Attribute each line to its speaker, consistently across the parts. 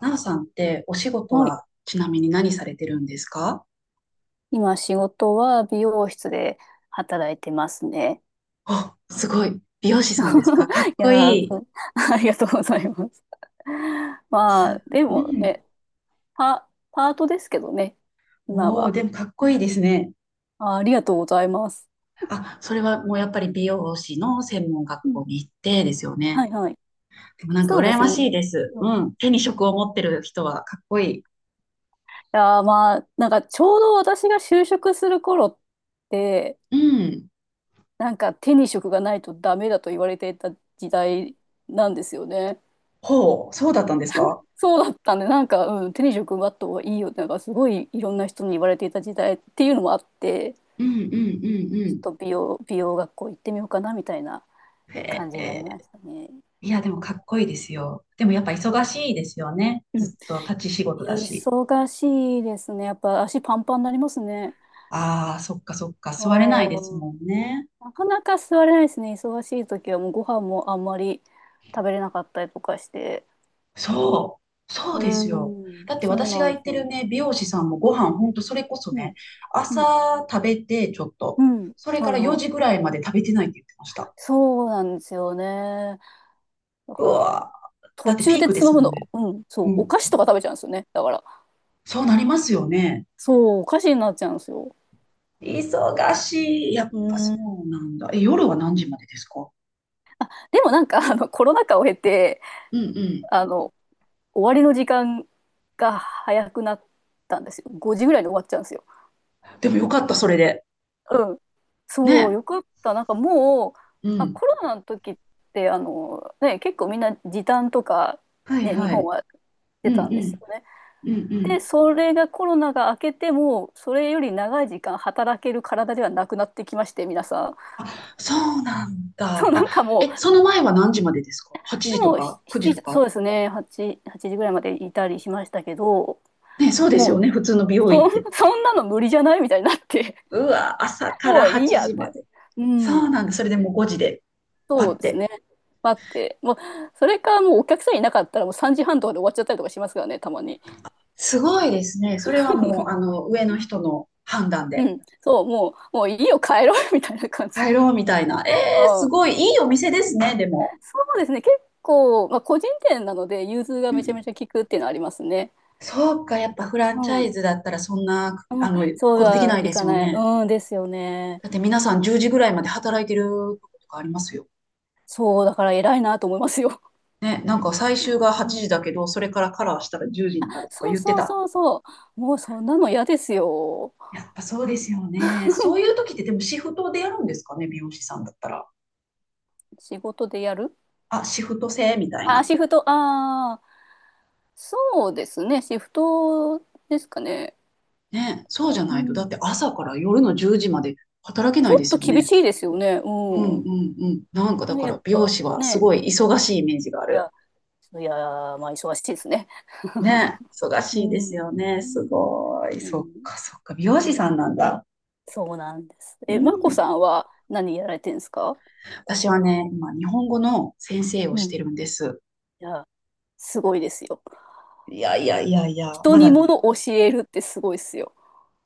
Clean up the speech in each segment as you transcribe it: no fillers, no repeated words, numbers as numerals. Speaker 1: なおさんってお仕事
Speaker 2: はい。
Speaker 1: はちなみに何されてるんですか？
Speaker 2: 今仕事は美容室で働いてますね。
Speaker 1: あ、すごい。美容師さんですか？か っ
Speaker 2: い
Speaker 1: こ
Speaker 2: やー、
Speaker 1: いい。
Speaker 2: そう ありがとうございます。
Speaker 1: す、
Speaker 2: まあ、で
Speaker 1: う
Speaker 2: も
Speaker 1: ん。
Speaker 2: ね、パートですけどね、今
Speaker 1: おお、
Speaker 2: は。
Speaker 1: でもかっこいいですね。
Speaker 2: あ、ありがとうございます。
Speaker 1: あ、それはもうやっぱり美容師の専門学
Speaker 2: うん、
Speaker 1: 校に行ってですよね。
Speaker 2: はいはい。
Speaker 1: でもなんか
Speaker 2: そうで
Speaker 1: 羨
Speaker 2: す
Speaker 1: ましい
Speaker 2: ね。
Speaker 1: です。
Speaker 2: うん、い
Speaker 1: うん。手に職を持ってる人はかっこいい。
Speaker 2: やー、まあ、なんかちょうど私が就職する頃って、
Speaker 1: うん。
Speaker 2: なんか手に職がないとダメだと言われていた時代なんですよね。
Speaker 1: ほう、そうだったんですか？
Speaker 2: そうだったんで、なんか、うん、手に職奪った方がいいよって、なんかすごいいろんな人に言われていた時代っていうのもあって、
Speaker 1: うんうんうんう
Speaker 2: ちょっと美容学校行ってみようかなみたいな
Speaker 1: ん。へ
Speaker 2: 感じになり
Speaker 1: え、
Speaker 2: ましたね。
Speaker 1: いや、でもかっこいいですよ。でもやっぱ忙しいですよね。
Speaker 2: うん。
Speaker 1: ずっと立ち仕事だし。
Speaker 2: 忙しいですね。やっぱ足パンパンになりますね。
Speaker 1: ああ、そっかそっか、座れないで
Speaker 2: う
Speaker 1: す
Speaker 2: ん。
Speaker 1: もんね。
Speaker 2: なかなか座れないですね。忙しい時はもうご飯もあんまり食べれなかったりとかして。
Speaker 1: そう、そう
Speaker 2: う
Speaker 1: ですよ。
Speaker 2: ん、
Speaker 1: だって
Speaker 2: そう
Speaker 1: 私が
Speaker 2: なん
Speaker 1: 行
Speaker 2: で
Speaker 1: っ
Speaker 2: す
Speaker 1: てる
Speaker 2: よ。
Speaker 1: ね、美容師さんもご飯、ほんとそれこそ
Speaker 2: う
Speaker 1: ね、
Speaker 2: ん、うん、
Speaker 1: 朝食べてちょっと、
Speaker 2: うん。
Speaker 1: それか
Speaker 2: はい
Speaker 1: ら4
Speaker 2: は
Speaker 1: 時ぐ
Speaker 2: い。
Speaker 1: らいまで食べてないって言ってました。
Speaker 2: そうなんですよね。だ
Speaker 1: う
Speaker 2: から、
Speaker 1: わー、だ
Speaker 2: 途
Speaker 1: って
Speaker 2: 中
Speaker 1: ピー
Speaker 2: で
Speaker 1: クで
Speaker 2: つま
Speaker 1: す
Speaker 2: む
Speaker 1: もん
Speaker 2: の、
Speaker 1: ね。
Speaker 2: うん、そ
Speaker 1: う
Speaker 2: う、お
Speaker 1: ん、
Speaker 2: 菓子とか食べちゃうんですよね。だから、
Speaker 1: そうなりますよね。
Speaker 2: そう、お菓子になっちゃうんですよ。
Speaker 1: 忙しい。やっ
Speaker 2: う
Speaker 1: ぱそ
Speaker 2: ん。
Speaker 1: うなんだ。え、夜は何時までですか？
Speaker 2: でもなんか、コロナ禍を経て、
Speaker 1: うんうん。
Speaker 2: あの、終わりの時間が早くなったんですよ。5時ぐらいに終わっちゃうんですよ。
Speaker 1: でもよかった、それで。
Speaker 2: うん。そう、
Speaker 1: ね。
Speaker 2: よかった。なんかもう、
Speaker 1: う
Speaker 2: あ、
Speaker 1: ん。
Speaker 2: コロナの時って、ね、結構みんな時短とか、
Speaker 1: はい
Speaker 2: ね、日
Speaker 1: は
Speaker 2: 本
Speaker 1: い。
Speaker 2: はし
Speaker 1: う
Speaker 2: てた
Speaker 1: ん
Speaker 2: ん
Speaker 1: う
Speaker 2: です
Speaker 1: ん。
Speaker 2: よね。
Speaker 1: うんう
Speaker 2: で、
Speaker 1: ん。
Speaker 2: それがコロナが明けても、それより長い時間働ける体ではなくなってきまして、皆さん。
Speaker 1: あ、そうなん
Speaker 2: そ
Speaker 1: だ。
Speaker 2: う、な
Speaker 1: あ、
Speaker 2: んかも
Speaker 1: え、
Speaker 2: う、
Speaker 1: その前は何時までですか？ 8
Speaker 2: で
Speaker 1: 時と
Speaker 2: も、し
Speaker 1: か9
Speaker 2: し
Speaker 1: 時
Speaker 2: ち
Speaker 1: と
Speaker 2: そ
Speaker 1: か。
Speaker 2: うですね、8時ぐらいまでいたりしましたけど、
Speaker 1: ね、そうです
Speaker 2: も
Speaker 1: よ
Speaker 2: う、
Speaker 1: ね。普通の美容院って。
Speaker 2: そんなの無理じゃないみたいになって、
Speaker 1: うわ、朝 か
Speaker 2: も
Speaker 1: ら
Speaker 2: ういい
Speaker 1: 8
Speaker 2: や
Speaker 1: 時
Speaker 2: っ
Speaker 1: ま
Speaker 2: て。
Speaker 1: で。
Speaker 2: う
Speaker 1: そう
Speaker 2: ん、
Speaker 1: なんだ。それでもう5時で、バ
Speaker 2: そう
Speaker 1: ッ
Speaker 2: です
Speaker 1: て。
Speaker 2: ね。待って、もう、それかもうお客さんいなかったらもう3時半とかで終わっちゃったりとかしますからね、たまに。
Speaker 1: すごいですね。それはもう、上の人の判断
Speaker 2: う
Speaker 1: で。
Speaker 2: ん、そう、もう、もういいよ、帰ろう みたいな感じ
Speaker 1: 帰
Speaker 2: で。
Speaker 1: ろうみたいな。えー、す
Speaker 2: うん、
Speaker 1: ごいいいお店ですね、でも。
Speaker 2: そうですね、結構、まあ、個人店なので、融通が
Speaker 1: うんう
Speaker 2: めちゃめちゃ
Speaker 1: ん、
Speaker 2: 効くっていうのはありますね。
Speaker 1: そうか、やっぱフラ
Speaker 2: う
Speaker 1: ンチャイ
Speaker 2: ん
Speaker 1: ズだったらそんな、
Speaker 2: うん、そう
Speaker 1: ことできな
Speaker 2: は
Speaker 1: い
Speaker 2: い
Speaker 1: です
Speaker 2: か
Speaker 1: よ
Speaker 2: ない
Speaker 1: ね。
Speaker 2: うんですよね。
Speaker 1: だって皆さん10時ぐらいまで働いてるとことかありますよ。
Speaker 2: そう、だから偉いなと思いますよ。
Speaker 1: ね、なんか最終が
Speaker 2: う
Speaker 1: 8時だ
Speaker 2: ん。
Speaker 1: けど、それからカラーしたら10時になるとか
Speaker 2: そう
Speaker 1: 言って
Speaker 2: そう
Speaker 1: た。
Speaker 2: そうそう。もうそんなの嫌ですよ。
Speaker 1: やっぱそうですよね。そういう時ってでもシフトでやるんですかね、美容師さんだったら。
Speaker 2: 仕事でやる。
Speaker 1: あ、シフト制みたい
Speaker 2: あ、
Speaker 1: な。
Speaker 2: シフト、ああ、そうですね。シフトですかね。
Speaker 1: ね、そうじゃ
Speaker 2: う
Speaker 1: ないと、だっ
Speaker 2: ん。
Speaker 1: て朝から夜の10時まで働け
Speaker 2: ち
Speaker 1: ない
Speaker 2: ょ
Speaker 1: で
Speaker 2: っ
Speaker 1: す
Speaker 2: と
Speaker 1: よ
Speaker 2: 厳
Speaker 1: ね。
Speaker 2: しいですよね。
Speaker 1: うんう
Speaker 2: うん。
Speaker 1: んうん。なんかだ
Speaker 2: ね、
Speaker 1: か
Speaker 2: やっ
Speaker 1: ら美容
Speaker 2: ぱ
Speaker 1: 師はす
Speaker 2: ね。
Speaker 1: ごい忙しいイメージがあ
Speaker 2: い
Speaker 1: る。
Speaker 2: や、いや、まあ忙しいですね。
Speaker 1: ね、忙
Speaker 2: う
Speaker 1: しいです
Speaker 2: ん。
Speaker 1: よね。すごい。
Speaker 2: う
Speaker 1: そっ
Speaker 2: ん。
Speaker 1: かそっか。美容
Speaker 2: ね、
Speaker 1: 師さんなんだ。
Speaker 2: そうなんです。
Speaker 1: う
Speaker 2: え、まこ
Speaker 1: ん。
Speaker 2: さんは何やられてるんですか？
Speaker 1: 私はね、今日本語の先生を
Speaker 2: う
Speaker 1: し
Speaker 2: ん。い
Speaker 1: てるんです。
Speaker 2: や、すごいですよ。
Speaker 1: いやいやいやいや、
Speaker 2: 人
Speaker 1: ま
Speaker 2: に
Speaker 1: だ
Speaker 2: も
Speaker 1: ね、
Speaker 2: のを教えるってすごいですよ。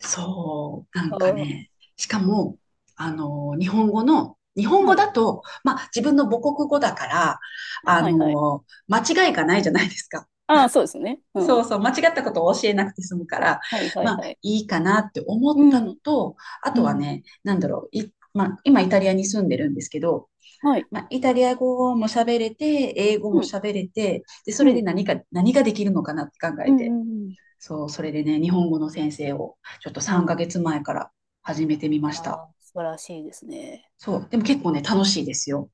Speaker 1: そう、なんか
Speaker 2: ああ。
Speaker 1: ね、し
Speaker 2: う
Speaker 1: か
Speaker 2: ん、
Speaker 1: も、日本語
Speaker 2: はい。
Speaker 1: だと、自分の母国語だから、
Speaker 2: はい
Speaker 1: あ
Speaker 2: はいはい。
Speaker 1: の、間違いがないじゃないですか。
Speaker 2: ああ、そうですね。う
Speaker 1: そう
Speaker 2: ん。
Speaker 1: そう、間違ったことを教えなくて済むから、
Speaker 2: はいはい
Speaker 1: まあ、
Speaker 2: はい。
Speaker 1: いいかなって思っ
Speaker 2: う
Speaker 1: たの
Speaker 2: ん。
Speaker 1: と、あ
Speaker 2: う
Speaker 1: とは
Speaker 2: ん。
Speaker 1: ね、なんだろう、まあ、今イタリアに住んでるんですけど、
Speaker 2: はい。
Speaker 1: まあ、イタリア語も喋れて、英語
Speaker 2: う
Speaker 1: も
Speaker 2: ん。
Speaker 1: 喋れて、で、そ
Speaker 2: う
Speaker 1: れで
Speaker 2: ん。
Speaker 1: 何ができるのかなって考
Speaker 2: う
Speaker 1: えて、
Speaker 2: んうん
Speaker 1: そう、それでね、日本語の先生をちょっと
Speaker 2: う
Speaker 1: 3
Speaker 2: ん。うん。
Speaker 1: ヶ月前から始めてみました。
Speaker 2: ああ、素晴らしいですね。
Speaker 1: そう、でも結構ね、楽しいですよ。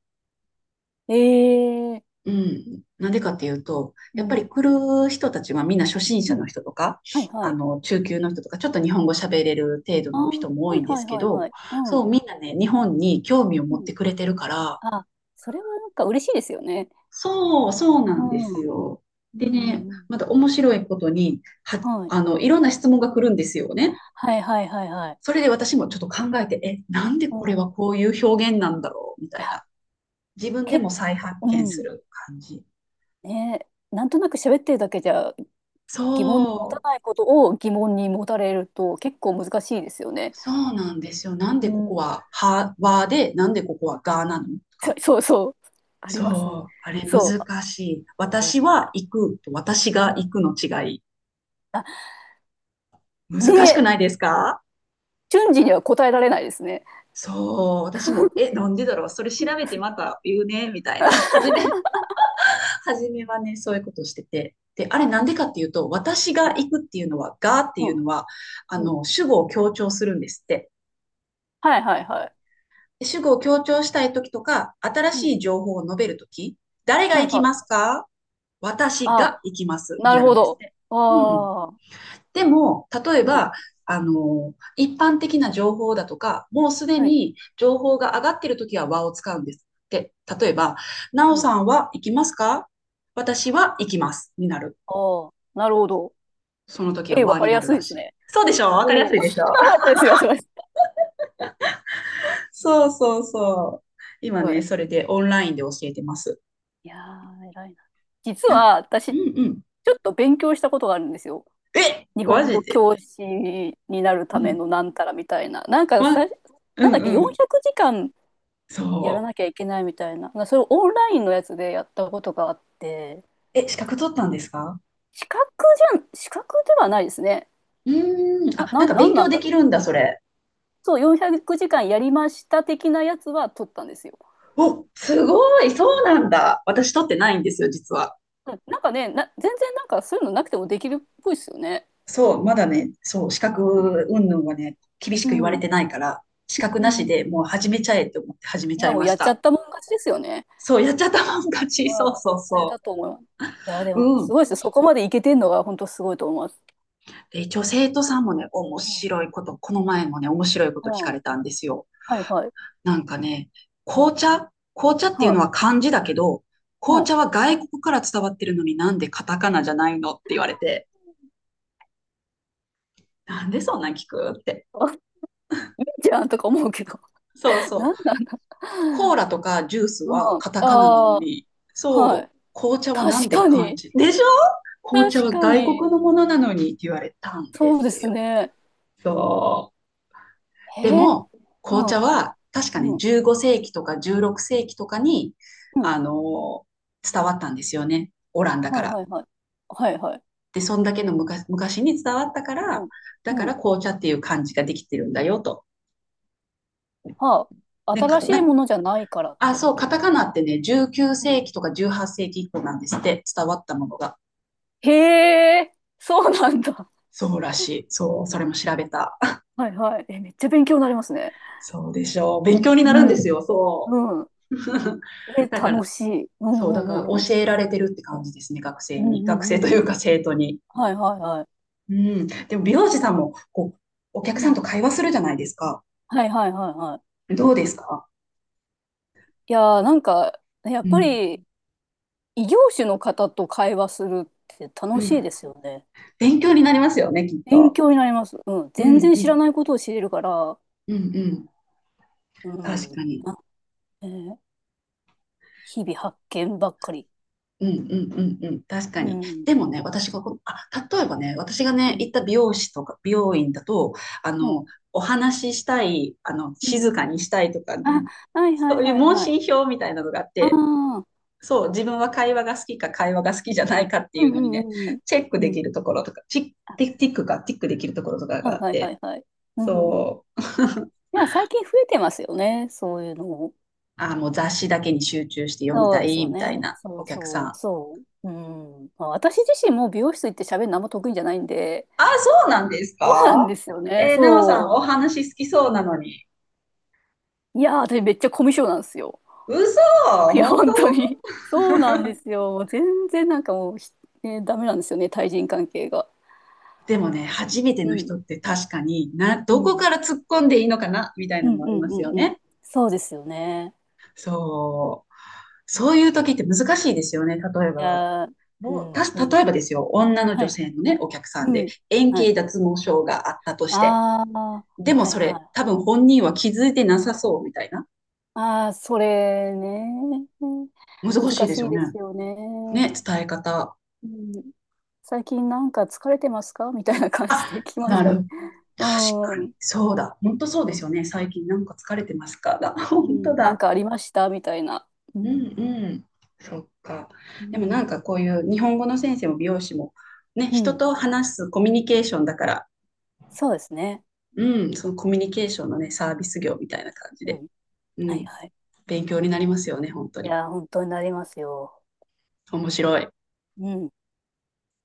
Speaker 2: ええ、
Speaker 1: うん。なんでかっていうと、や
Speaker 2: う
Speaker 1: っぱり
Speaker 2: ん。
Speaker 1: 来る人たちはみんな初心者
Speaker 2: うん。
Speaker 1: の人とか、
Speaker 2: はいは
Speaker 1: あ
Speaker 2: い。
Speaker 1: の、中級の人とか、ちょっと日本語喋れる程度
Speaker 2: ああ、
Speaker 1: の人も多
Speaker 2: は
Speaker 1: い
Speaker 2: い
Speaker 1: んで
Speaker 2: は
Speaker 1: す
Speaker 2: い
Speaker 1: け
Speaker 2: はいは
Speaker 1: ど、
Speaker 2: い。う
Speaker 1: そ
Speaker 2: ん。
Speaker 1: う、みんなね、日本に興味を
Speaker 2: う
Speaker 1: 持っ
Speaker 2: ん。
Speaker 1: てくれてるから、
Speaker 2: あ、それはなんか嬉しいですよね。
Speaker 1: そう、そうな
Speaker 2: う
Speaker 1: んです
Speaker 2: ん。うん
Speaker 1: よ。
Speaker 2: う
Speaker 1: でね、
Speaker 2: んうん。
Speaker 1: また面白いことに、
Speaker 2: はい。
Speaker 1: あの、いろんな質問が来るんですよね。
Speaker 2: はいはいはいはい。
Speaker 1: それで私もちょっと考えて、え、なんで
Speaker 2: う
Speaker 1: これ
Speaker 2: ん。い
Speaker 1: はこういう表現なんだろうみたい
Speaker 2: や、
Speaker 1: な。自分で
Speaker 2: 結
Speaker 1: も再
Speaker 2: 構、
Speaker 1: 発
Speaker 2: う
Speaker 1: 見す
Speaker 2: ん。
Speaker 1: る感じ。
Speaker 2: ね、なんとなく喋ってるだけじゃ疑問に持た
Speaker 1: そう、
Speaker 2: ないことを疑問に持たれると結構難しいですよね。
Speaker 1: そうなんですよ。なん
Speaker 2: う
Speaker 1: でここ
Speaker 2: ん。
Speaker 1: は、はで、なんでここはがなのと
Speaker 2: そ
Speaker 1: か。
Speaker 2: そうそう。ありますね。
Speaker 1: そう、あれ
Speaker 2: そ
Speaker 1: 難
Speaker 2: う、
Speaker 1: しい。私は行くと私が
Speaker 2: うん。う
Speaker 1: 行
Speaker 2: ん、
Speaker 1: くの違い。
Speaker 2: あ、
Speaker 1: 難しく
Speaker 2: で、
Speaker 1: ないですか？
Speaker 2: 瞬時には答えられないですね。
Speaker 1: そう、私も、え、なんでだろう、それ調べてまた言うね、みたいな。初めはね、そういうことをしてて。で、あれなんでかっていうと、私が 行くっていうのは、がってい
Speaker 2: う
Speaker 1: う
Speaker 2: ん。
Speaker 1: のは、あ
Speaker 2: うん、
Speaker 1: の、主語を強調するんですって。
Speaker 2: はいはいはい。
Speaker 1: で主語を強調したいときとか、新
Speaker 2: う
Speaker 1: し
Speaker 2: ん。
Speaker 1: い情報を述べるとき、誰が
Speaker 2: はい
Speaker 1: 行き
Speaker 2: は
Speaker 1: ます
Speaker 2: い。
Speaker 1: か？私
Speaker 2: あ、
Speaker 1: が行きますに
Speaker 2: なる
Speaker 1: なる
Speaker 2: ほ
Speaker 1: んです
Speaker 2: ど。
Speaker 1: ね。うん。
Speaker 2: ああ。
Speaker 1: でも、例え
Speaker 2: うん。
Speaker 1: ば、あ
Speaker 2: うん、
Speaker 1: の、一般的な情報だとか、もうすで
Speaker 2: はい。
Speaker 1: に情報が上がっているときは和を使うんですって。例えば、なお
Speaker 2: う
Speaker 1: さ
Speaker 2: ん。
Speaker 1: んは行きますか？私は行きますになる。
Speaker 2: ああ。なるほど。
Speaker 1: その時は
Speaker 2: ええ、わ
Speaker 1: 和
Speaker 2: か
Speaker 1: に
Speaker 2: り
Speaker 1: な
Speaker 2: や
Speaker 1: る
Speaker 2: すい
Speaker 1: ら
Speaker 2: で
Speaker 1: し
Speaker 2: す
Speaker 1: い。
Speaker 2: ね。
Speaker 1: そうでしょ？わかりやす
Speaker 2: お
Speaker 1: い
Speaker 2: お。
Speaker 1: でしょ？
Speaker 2: ですよ、すいません。
Speaker 1: そうそうそう。今
Speaker 2: は
Speaker 1: ね、
Speaker 2: い。
Speaker 1: それでオンラインで教えてます。
Speaker 2: いやー、偉いな。実
Speaker 1: なんか、
Speaker 2: は私、
Speaker 1: う
Speaker 2: ち
Speaker 1: んうん。
Speaker 2: ょっと勉強したことがあるんですよ。
Speaker 1: え、
Speaker 2: 日
Speaker 1: マ
Speaker 2: 本
Speaker 1: ジ
Speaker 2: 語
Speaker 1: で。
Speaker 2: 教師になる
Speaker 1: う
Speaker 2: ため
Speaker 1: ん。
Speaker 2: のなんたらみたいな。なんかさ、
Speaker 1: わ、う
Speaker 2: なんだっけ、
Speaker 1: んうん。
Speaker 2: 400時間やら
Speaker 1: そ
Speaker 2: なきゃいけないみたいな。それをオンラインのやつでやったことがあって、
Speaker 1: う。え、資格取ったんですか？
Speaker 2: 資格じゃん、資格ではないですね。
Speaker 1: うーん。あ、なんか
Speaker 2: な
Speaker 1: 勉
Speaker 2: んな
Speaker 1: 強
Speaker 2: ん
Speaker 1: で
Speaker 2: だ
Speaker 1: き
Speaker 2: ろ
Speaker 1: る
Speaker 2: う。
Speaker 1: んだ、それ。
Speaker 2: そう、400時間やりました的なやつは取ったんですよ。
Speaker 1: お、すごい、そうなんだ。私取ってないんですよ、実は。
Speaker 2: うん、なんかね、全然なんかそういうのなくてもできるっぽいですよね。
Speaker 1: そう、まだね、そう、資
Speaker 2: うん。
Speaker 1: 格云々はね、厳し
Speaker 2: う
Speaker 1: く言われ
Speaker 2: ん。
Speaker 1: てないから、資格
Speaker 2: う
Speaker 1: なしで
Speaker 2: ん。
Speaker 1: もう始めちゃえって思って始め
Speaker 2: い
Speaker 1: ちゃ
Speaker 2: や、
Speaker 1: い
Speaker 2: もう
Speaker 1: ま
Speaker 2: や
Speaker 1: し
Speaker 2: っちゃ
Speaker 1: た。
Speaker 2: ったもん勝ちですよね。
Speaker 1: そう、やっちゃったもん勝ち。そうそう
Speaker 2: うん。ね、
Speaker 1: そ
Speaker 2: だと思います。いや、でも、
Speaker 1: う。う
Speaker 2: す
Speaker 1: ん。
Speaker 2: ごいですよ。そこまでいけてんのが、本当すごいと思います。
Speaker 1: で、一応生徒さんもね、面
Speaker 2: うん。
Speaker 1: 白いこと、この前もね、面白いこ
Speaker 2: う
Speaker 1: と聞か
Speaker 2: ん。
Speaker 1: れたんですよ。
Speaker 2: はいはい。
Speaker 1: なんかね、
Speaker 2: うん。
Speaker 1: 紅茶紅茶っていう
Speaker 2: は
Speaker 1: のは
Speaker 2: い。
Speaker 1: 漢字だけど、
Speaker 2: う
Speaker 1: 紅
Speaker 2: ん。
Speaker 1: 茶は外国から伝わってるのになんでカタカナじゃないのって言われて、なんでそんなん聞くって。
Speaker 2: あ、いいじゃんとか思うけど。
Speaker 1: そう
Speaker 2: な
Speaker 1: そ
Speaker 2: ん
Speaker 1: う。
Speaker 2: なんだ。
Speaker 1: コーラとかジュース
Speaker 2: うん。
Speaker 1: はカタカナなの
Speaker 2: ああ、
Speaker 1: に、
Speaker 2: は
Speaker 1: そ
Speaker 2: い。
Speaker 1: う、紅茶はなん
Speaker 2: 確
Speaker 1: で
Speaker 2: か
Speaker 1: 漢
Speaker 2: に。
Speaker 1: 字でしょ？紅茶
Speaker 2: 確
Speaker 1: は
Speaker 2: か
Speaker 1: 外国
Speaker 2: に。
Speaker 1: のものなのにって言われたんで
Speaker 2: そうで
Speaker 1: す
Speaker 2: す
Speaker 1: よ。
Speaker 2: ね。
Speaker 1: そう。
Speaker 2: え
Speaker 1: で
Speaker 2: ー、
Speaker 1: も、紅
Speaker 2: う
Speaker 1: 茶
Speaker 2: ん。
Speaker 1: は確かに
Speaker 2: うん。
Speaker 1: 15世紀とか16世紀とかに、
Speaker 2: うん。
Speaker 1: あの、伝わったんですよね。オランダか
Speaker 2: はい
Speaker 1: ら。
Speaker 2: はいはい。はいはい。
Speaker 1: で、そんだけの昔昔に伝わったから、
Speaker 2: うん。
Speaker 1: だか
Speaker 2: うん。
Speaker 1: ら紅茶っていう漢字ができてるんだよと。
Speaker 2: はあ。
Speaker 1: で、
Speaker 2: 新しいものじゃないからって
Speaker 1: そ
Speaker 2: こ
Speaker 1: う、
Speaker 2: と
Speaker 1: カ
Speaker 2: で
Speaker 1: タ
Speaker 2: す。
Speaker 1: カナってね、19
Speaker 2: う
Speaker 1: 世
Speaker 2: ん。
Speaker 1: 紀とか18世紀以降なんですって、伝わったものが。
Speaker 2: へえ、そうなんだ。
Speaker 1: そうらしい。そう、それも調べた。
Speaker 2: はいはい。え、めっちゃ勉強になりますね。
Speaker 1: そうでしょう。勉強にな
Speaker 2: う
Speaker 1: るんで
Speaker 2: ん。
Speaker 1: すよ、そ
Speaker 2: うん。
Speaker 1: う。
Speaker 2: え、
Speaker 1: だか
Speaker 2: 楽
Speaker 1: ら、
Speaker 2: しい。うんう
Speaker 1: そう、だか
Speaker 2: ん
Speaker 1: ら
Speaker 2: うんうん。
Speaker 1: 教えられてるって感じですね、学
Speaker 2: う
Speaker 1: 生
Speaker 2: ん
Speaker 1: に。
Speaker 2: う
Speaker 1: 学
Speaker 2: ん
Speaker 1: 生と
Speaker 2: う
Speaker 1: い
Speaker 2: んう
Speaker 1: う
Speaker 2: ん。
Speaker 1: か生徒に。
Speaker 2: はいはいはい。
Speaker 1: うん。でも美容師さんも、こう、お客
Speaker 2: う
Speaker 1: さん
Speaker 2: ん。
Speaker 1: と会話するじゃないですか。
Speaker 2: はいはいはいはい。
Speaker 1: どうですか？
Speaker 2: いやー、なんか、やっ
Speaker 1: う
Speaker 2: ぱ
Speaker 1: ん。
Speaker 2: り異業種の方と会話するって
Speaker 1: う
Speaker 2: 楽しい
Speaker 1: ん。
Speaker 2: ですよね。
Speaker 1: 勉強になりますよね、きっ
Speaker 2: 勉
Speaker 1: と。
Speaker 2: 強になります。うん。
Speaker 1: う
Speaker 2: 全
Speaker 1: ん
Speaker 2: 然
Speaker 1: う
Speaker 2: 知ら
Speaker 1: ん。
Speaker 2: ないことを知れるから、
Speaker 1: うんうん。
Speaker 2: う
Speaker 1: 確
Speaker 2: ん。
Speaker 1: かに。
Speaker 2: あ、えー日々発見ばっかり。
Speaker 1: うんうんうんうん。確か
Speaker 2: う
Speaker 1: に。
Speaker 2: ん。
Speaker 1: でもね、私がこう、あ、例えばね、私がね、
Speaker 2: うん。
Speaker 1: 行った美容師とか、美容院だと、あ
Speaker 2: うん。
Speaker 1: の、お話ししたい、あの、
Speaker 2: うん。
Speaker 1: 静かにしたいとか
Speaker 2: あ、
Speaker 1: ね、
Speaker 2: はいは
Speaker 1: そ
Speaker 2: い
Speaker 1: ういう
Speaker 2: はい
Speaker 1: 問
Speaker 2: はい。
Speaker 1: 診票みたいなのがあっ
Speaker 2: あ
Speaker 1: て、
Speaker 2: あ。
Speaker 1: そう、自分は会話が好きか会話が好きじゃないかって
Speaker 2: う
Speaker 1: い
Speaker 2: ん
Speaker 1: う
Speaker 2: う
Speaker 1: のにね、
Speaker 2: んうんうん。
Speaker 1: チェック
Speaker 2: う
Speaker 1: でき
Speaker 2: ん。
Speaker 1: るところとか、チッティティックか、ティックできるところとか
Speaker 2: は
Speaker 1: があ
Speaker 2: い
Speaker 1: っ
Speaker 2: はいは
Speaker 1: て、
Speaker 2: いはい。うんうん。い
Speaker 1: そう、
Speaker 2: や、最近増えてますよね、そういうのも。
Speaker 1: あー、もう雑誌だけに集中して読み
Speaker 2: そ
Speaker 1: た
Speaker 2: うです
Speaker 1: い
Speaker 2: よ
Speaker 1: みたい
Speaker 2: ね。
Speaker 1: な
Speaker 2: そ
Speaker 1: お
Speaker 2: う
Speaker 1: 客さ
Speaker 2: そう、
Speaker 1: ん。
Speaker 2: そう。うん。まあ、私自身も美容室行って喋るのあんま得意じゃないんで、
Speaker 1: あー、そうなんです
Speaker 2: そうなん
Speaker 1: か？
Speaker 2: ですよね。
Speaker 1: えー、なおさ
Speaker 2: そ
Speaker 1: ん、お話好きそうなのに。
Speaker 2: う。いやー、私めっちゃコミュ障なんですよ。
Speaker 1: 嘘？
Speaker 2: いや、
Speaker 1: 本
Speaker 2: 本
Speaker 1: 当？
Speaker 2: 当に。そうなん ですよ。もう全然なんかもうね、ダメなんですよね、対人関係が。
Speaker 1: でもね、初めて
Speaker 2: う
Speaker 1: の人
Speaker 2: ん。
Speaker 1: って確かにな、
Speaker 2: う
Speaker 1: どこ
Speaker 2: ん。
Speaker 1: から突っ込んでいいのかなみたい
Speaker 2: う
Speaker 1: な
Speaker 2: ん
Speaker 1: の
Speaker 2: う
Speaker 1: もあり
Speaker 2: ん
Speaker 1: ますよ
Speaker 2: うんうん。
Speaker 1: ね。
Speaker 2: そうですよね。
Speaker 1: そう。そういう時って難しいですよね。例え
Speaker 2: い
Speaker 1: ば、
Speaker 2: やー、う
Speaker 1: もう、
Speaker 2: ん。
Speaker 1: たし、例えばですよ、
Speaker 2: は
Speaker 1: 女
Speaker 2: いは
Speaker 1: 性
Speaker 2: い。
Speaker 1: のね、お客さ
Speaker 2: う
Speaker 1: んで、
Speaker 2: ん。
Speaker 1: 円
Speaker 2: はい
Speaker 1: 形
Speaker 2: は
Speaker 1: 脱
Speaker 2: い。
Speaker 1: 毛症があったとし
Speaker 2: あ
Speaker 1: て、
Speaker 2: あ、
Speaker 1: でも
Speaker 2: はい
Speaker 1: そ
Speaker 2: は
Speaker 1: れ、
Speaker 2: い。
Speaker 1: 多分本人は気づいてなさそうみたいな。
Speaker 2: ああ、それね。
Speaker 1: 難しい
Speaker 2: 難
Speaker 1: です
Speaker 2: しい
Speaker 1: よ
Speaker 2: で
Speaker 1: ね。
Speaker 2: すよね。
Speaker 1: ね、伝え方。
Speaker 2: うん、最近なんか疲れてますかみたいな感じで
Speaker 1: あ、
Speaker 2: 聞きま
Speaker 1: な
Speaker 2: すかね。
Speaker 1: る。
Speaker 2: う
Speaker 1: 確か
Speaker 2: ん。う
Speaker 1: に。
Speaker 2: ん、
Speaker 1: そうだ。本当そうですよね。最近なんか疲れてますかだ。本当
Speaker 2: なん
Speaker 1: だ。
Speaker 2: かありましたみたいな。う
Speaker 1: う
Speaker 2: ん。
Speaker 1: んうん。そっか。
Speaker 2: う
Speaker 1: でもな
Speaker 2: ん。
Speaker 1: んかこういう日本語の先生も美容師も、ね、
Speaker 2: う
Speaker 1: 人
Speaker 2: ん、
Speaker 1: と話すコミュニケーションだから、
Speaker 2: そうですね。
Speaker 1: うん、そのコミュニケーションのね、サービス業みたいな感じ
Speaker 2: う
Speaker 1: で。
Speaker 2: ん。
Speaker 1: う
Speaker 2: はい
Speaker 1: ん。
Speaker 2: はい。
Speaker 1: 勉強になりますよね、本当
Speaker 2: い
Speaker 1: に。
Speaker 2: やー、本当になりますよ。
Speaker 1: 面白い。
Speaker 2: うん。